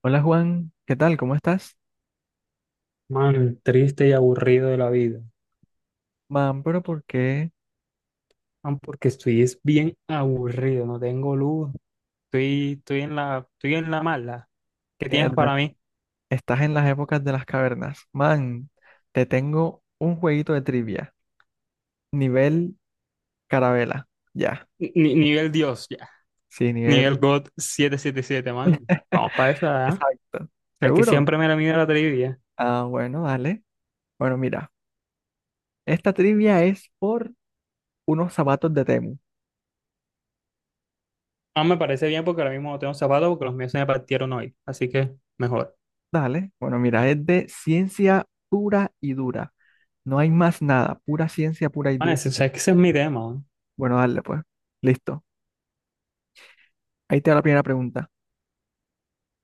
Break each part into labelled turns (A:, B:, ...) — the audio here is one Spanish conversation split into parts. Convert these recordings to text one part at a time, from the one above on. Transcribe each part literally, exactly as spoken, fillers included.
A: Hola Juan, ¿qué tal? ¿Cómo estás?
B: Man, triste y aburrido de la vida.
A: Man, pero ¿por qué
B: Man, porque estoy es bien aburrido, no tengo luz, estoy, estoy en la, estoy en la mala. ¿Qué tienes para
A: Erda,
B: mí?
A: estás en las épocas de las cavernas? Man, te tengo un jueguito de trivia, nivel carabela, ya,
B: Ni- nivel Dios, ya.
A: sí, nivel
B: Nivel God setecientos setenta y siete, man. Vamos para esa, ¿ah?
A: exacto.
B: Es que
A: ¿Seguro?
B: siempre me la mide la trivia.
A: Ah, bueno, dale. Bueno, mira, esta trivia es por unos zapatos de Temu.
B: Ah, me parece bien porque ahora mismo no tengo zapatos porque los míos se me partieron hoy. Así que mejor.
A: Dale, bueno, mira, es de ciencia pura y dura. No hay más nada, pura ciencia pura y
B: Man,
A: dura.
B: ese, o sea, es que ese es mi tema, man.
A: Bueno, dale pues, listo. Ahí te va la primera pregunta.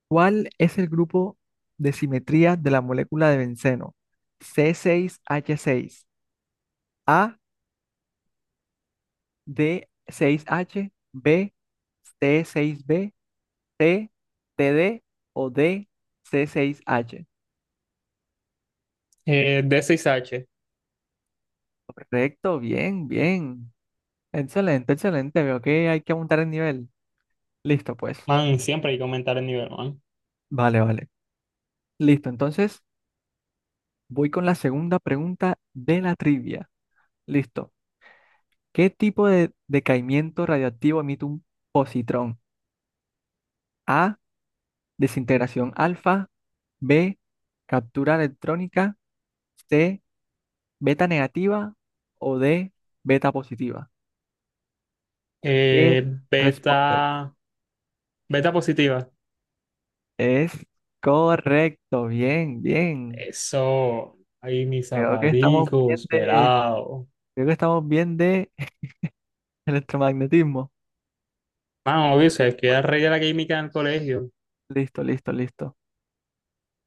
A: ¿Cuál es el grupo de simetría de la molécula de benceno? C seis h seis A, d seis h B, t seis b T, TD o D, c seis h
B: Eh, D seis H.
A: Correcto, bien, bien. Excelente, excelente. Veo que hay que aumentar el nivel. Listo, pues.
B: Man, siempre hay que aumentar el nivel, man.
A: Vale, vale. Listo, entonces voy con la segunda pregunta de la trivia. Listo. ¿Qué tipo de decaimiento radioactivo emite un positrón? A. Desintegración alfa, B, captura electrónica, C, beta negativa o D, beta positiva. ¿Qué
B: Eh,
A: responde?
B: beta, beta positiva.
A: Es correcto, bien, bien.
B: Eso, ahí mis
A: Creo que estamos bien
B: zapaticos,
A: de,
B: pelado.
A: Creo que estamos bien de electromagnetismo.
B: Vamos, obvio,
A: Sí,
B: sabes que
A: pues,
B: era rey de la química en el colegio.
A: listo, listo, listo.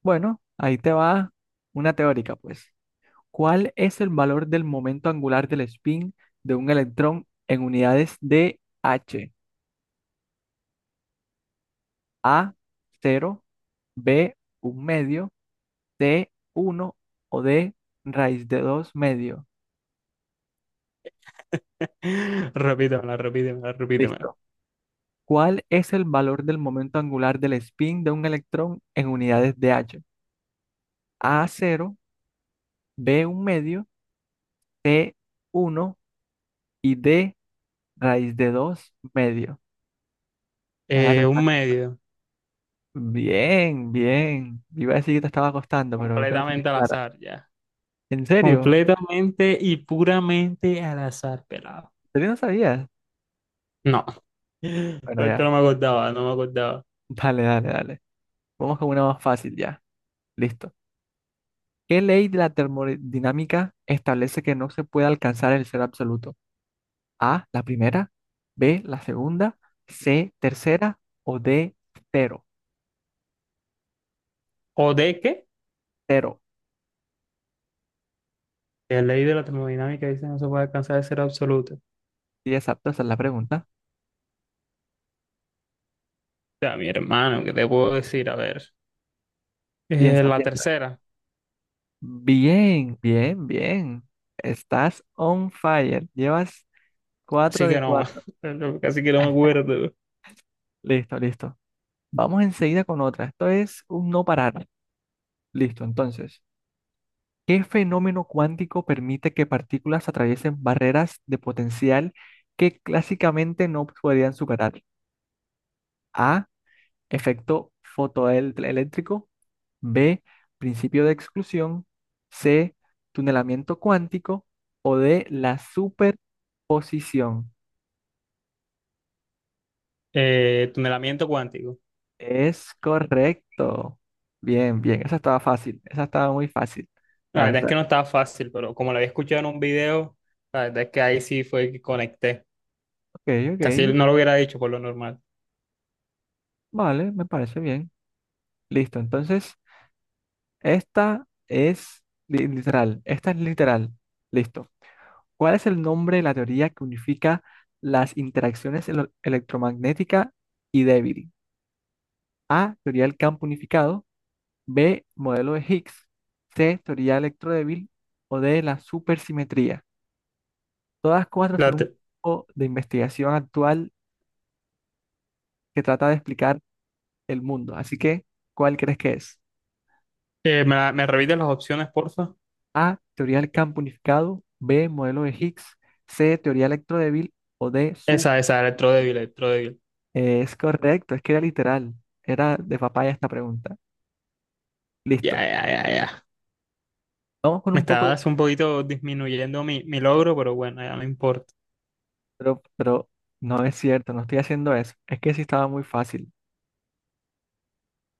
A: Bueno, ahí te va una teórica, pues. ¿Cuál es el valor del momento angular del spin de un electrón en unidades de H? A cero, B un medio, C uno o D raíz de dos medio.
B: Repítemela, repítemela, repítemela.
A: Listo. ¿Cuál es el valor del momento angular del spin de un electrón en unidades de H? A cero, B un medio, C uno y D raíz de dos medio. Ah, te
B: Eh, un
A: falta.
B: medio,
A: Bien, bien. Iba a decir que te estaba costando, pero veo que la tienes
B: completamente al
A: clara.
B: azar, ya.
A: ¿En serio?
B: Completamente y puramente al azar, pelado.
A: ¿En serio no sabías?
B: No,
A: Bueno,
B: esto
A: ya.
B: no me acordaba, no me acordaba.
A: Dale, dale, dale. Vamos con una más fácil ya. Listo. ¿Qué ley de la termodinámica establece que no se puede alcanzar el cero absoluto? A, la primera, B, la segunda, C, tercera o D, cero.
B: ¿O de qué?
A: Cero.
B: La ley de la termodinámica dice no se puede alcanzar el cero absoluto. O
A: Sí, exacto, esa es la pregunta.
B: sea, mi hermano, ¿qué te puedo decir? A ver, eh,
A: Piensa,
B: la
A: piensa.
B: tercera,
A: Bien, bien, bien. Estás on fire. Llevas cuatro
B: así que
A: de
B: no,
A: cuatro.
B: casi que no me acuerdo.
A: Listo, listo. Vamos enseguida con otra. Esto es un no parar. Listo, entonces. ¿Qué fenómeno cuántico permite que partículas atraviesen barreras de potencial que clásicamente no podrían superar? A. Efecto fotoeléctrico. B. Principio de exclusión. C. Tunelamiento cuántico. O D. La superposición.
B: Eh, tunelamiento cuántico.
A: Es correcto. Bien, bien. Esa estaba fácil. Esa estaba muy fácil.
B: La
A: La
B: verdad es
A: verdad.
B: que no estaba fácil, pero como lo había escuchado en un video, la verdad es que ahí sí fue que conecté.
A: Ok,
B: Casi
A: ok.
B: no lo hubiera dicho por lo normal.
A: Vale, me parece bien. Listo. Entonces. Esta es li- literal, esta es literal. Listo. ¿Cuál es el nombre de la teoría que unifica las interacciones elo- electromagnética y débil? A, teoría del campo unificado, B, modelo de Higgs, C, teoría electrodébil o D, la supersimetría. Todas cuatro son
B: La
A: un
B: te-
A: poco de investigación actual que trata de explicar el mundo. Así que, ¿cuál crees que es?
B: eh, ¿me, la- me repites las opciones, porfa?
A: A, teoría del campo unificado, B, modelo de Higgs, C, teoría electrodébil o D, S U P.
B: Esa, esa, electrodébil, electrodébil.
A: Eh, es correcto, es que era literal, era de papaya esta pregunta.
B: Ya,
A: Listo,
B: ya, ya, ya.
A: vamos con
B: Me
A: un poco de...
B: estabas un poquito disminuyendo mi, mi logro, pero bueno, ya no importa.
A: Pero, pero no es cierto, no estoy haciendo eso. Es que sí estaba muy fácil,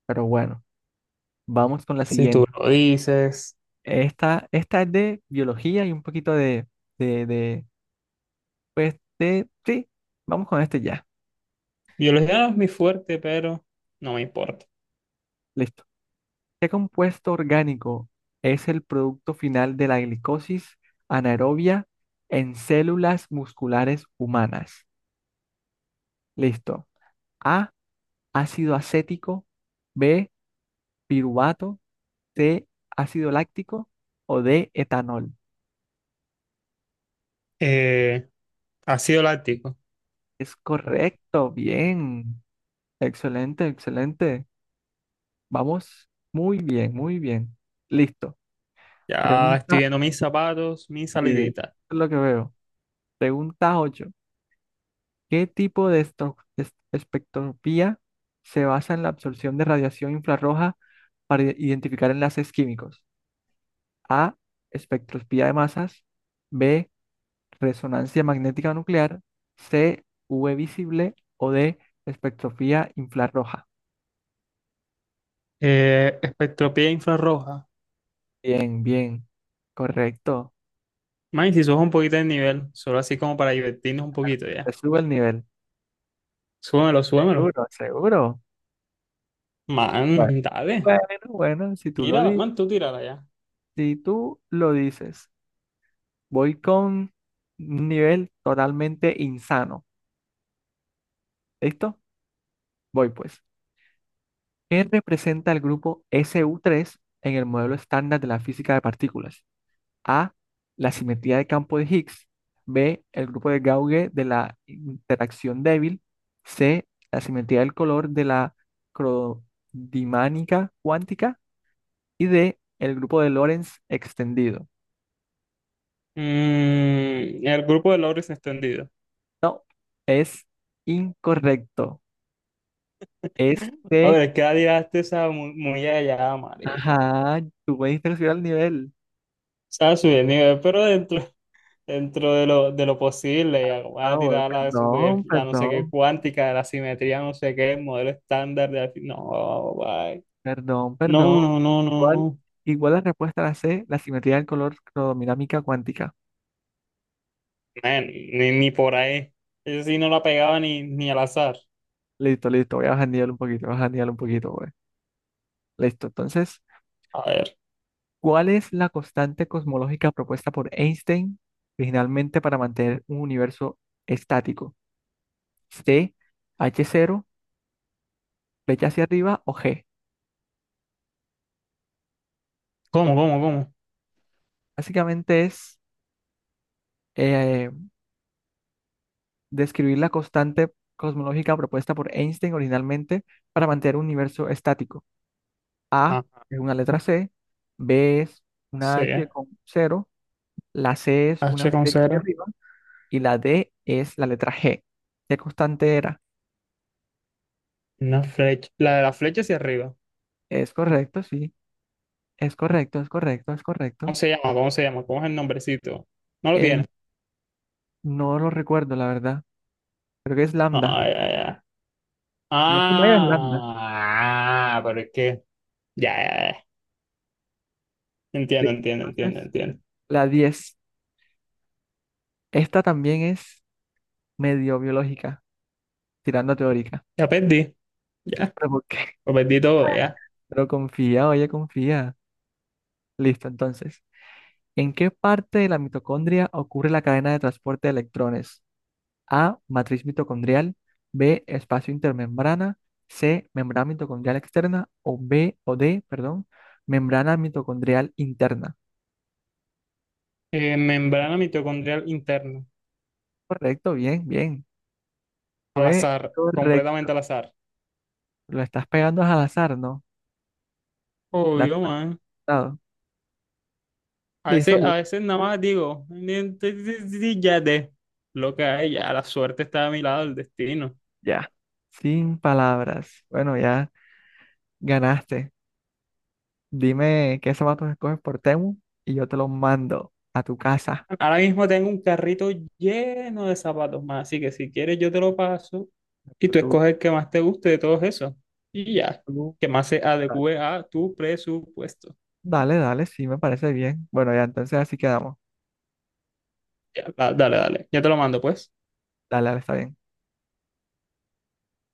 A: pero bueno, vamos con la
B: Si tú
A: siguiente.
B: lo dices.
A: Esta, esta es de biología y un poquito de, de, de, pues, de, sí, vamos con este ya.
B: Biología no es mi fuerte, pero no me importa.
A: Listo. ¿Qué compuesto orgánico es el producto final de la glicosis anaerobia en células musculares humanas? Listo. A, ácido acético, B, piruvato, C, ácido láctico o D, etanol.
B: Eh, ácido láctico.
A: Es correcto, bien. Excelente, excelente. Vamos muy bien, muy bien. Listo.
B: Ya
A: Pregunta,
B: estoy viendo mis zapatos, mis
A: eh, es
B: saliditas.
A: lo que veo. Pregunta ocho. ¿Qué tipo de esto- es- espectroscopía se basa en la absorción de radiación infrarroja para i- identificar enlaces químicos? A. Espectroscopía de masas. B. Resonancia magnética nuclear. C. U V visible. O D. Espectroscopía infrarroja.
B: Eh, espectropía infrarroja.
A: Bien, bien. Correcto.
B: Man, si subes un poquito de nivel, solo así como para divertirnos un poquito ya.
A: Te sube el nivel.
B: Súbemelo, súbemelo.
A: Seguro, seguro. Bueno,
B: Man, dale.
A: bueno, bueno, si tú lo
B: Tírala,
A: di-
B: man, tú tírala ya.
A: si tú lo dices, voy con un nivel totalmente insano. ¿Listo? Voy pues. ¿Qué representa el grupo S U tres en el modelo estándar de la física de partículas? A. La simetría de campo de Higgs. B. El grupo de Gauge de la interacción débil. C. La simetría del color de la crodinámica cuántica. Y D. El grupo de Lorentz extendido.
B: Mm, el grupo de Loris extendido.
A: No, es incorrecto.
B: A
A: Este,
B: ver, ¿qué tiraste esa muy, muy allá, marica?
A: ajá, tú me diste que subir al nivel.
B: O sea, subir el nivel, pero dentro, dentro de lo, de lo posible, ya. Voy a
A: Ahora,
B: tirar la super,
A: perdón,
B: la no sé qué
A: perdón.
B: cuántica, la simetría, no sé qué, modelo estándar de... No, bye.
A: Perdón, perdón.
B: No, no, no, no,
A: Igual,
B: no.
A: igual la respuesta a la C, la simetría del color cromodinámica cuántica.
B: Eh, ni, ni por ahí. Yo sí no la pegaba ni, ni al azar.
A: Listo, listo. Voy a bajanearlo un poquito, voy a bajanearlo un poquito, güey. Listo. Entonces,
B: A ver.
A: ¿cuál es la constante cosmológica propuesta por Einstein originalmente para mantener un universo estático? C, h cero, flecha hacia arriba o G.
B: ¿Cómo, cómo, cómo?
A: Básicamente es eh, describir la constante cosmológica propuesta por Einstein originalmente para mantener un universo estático. A
B: Ah,
A: es una letra C, B es una
B: sí.
A: H
B: eh.
A: con cero, la C es
B: H
A: una
B: con
A: flecha hacia
B: cero.
A: arriba y la D es la letra G. ¿Qué constante era?
B: Una flecha. La de la flecha hacia arriba.
A: Es correcto, sí, es correcto, es correcto, es
B: ¿Cómo
A: correcto.
B: se llama? ¿Cómo se llama? ¿Cómo es el nombrecito? No lo
A: Eh,
B: tiene.
A: no lo recuerdo, la verdad. Creo que es lambda.
B: Ah, ya, ya.
A: No se me es lambda.
B: Ah, ah, pero es que. Ya, ya, ya. Entiendo,
A: Listo,
B: entiendo, entiendo,
A: entonces,
B: entiendo.
A: la diez. Esta también es medio biológica, tirando a teórica.
B: Ya perdí. Ya.
A: ¿Pero por qué?
B: Lo perdí todo, ya.
A: Pero confía, oye, confía. Listo, entonces. ¿En qué parte de la mitocondria ocurre la cadena de transporte de electrones? A. Matriz mitocondrial. B. Espacio intermembrana. C. Membrana mitocondrial externa. O B o D, perdón, membrana mitocondrial interna.
B: Eh, membrana mitocondrial interna.
A: Correcto, bien, bien.
B: Al
A: Fue
B: azar.
A: correcto.
B: Completamente al azar.
A: Lo estás pegando al azar, ¿no? La has
B: Obvio, man.
A: pasado.
B: A
A: Listo,
B: veces, a
A: listo.
B: veces nada más digo, "Ni- ti- ti- ti- ti- ya de lo que hay, ya la suerte está a mi lado, el destino."
A: Ya. Sin palabras. Bueno, ya ganaste. Dime qué zapatos escoges por Temu y yo te los mando a tu casa.
B: Ahora mismo tengo un carrito lleno de zapatos más, así que si quieres yo te lo paso y tú
A: Tú,
B: escoges el que más te guste de todos esos. Y ya,
A: tú,
B: que más se adecue a tu presupuesto.
A: Dale, dale, sí, me parece bien. Bueno, ya entonces así quedamos.
B: Ya, da- dale, dale, ya te lo mando pues.
A: Dale, dale, está bien.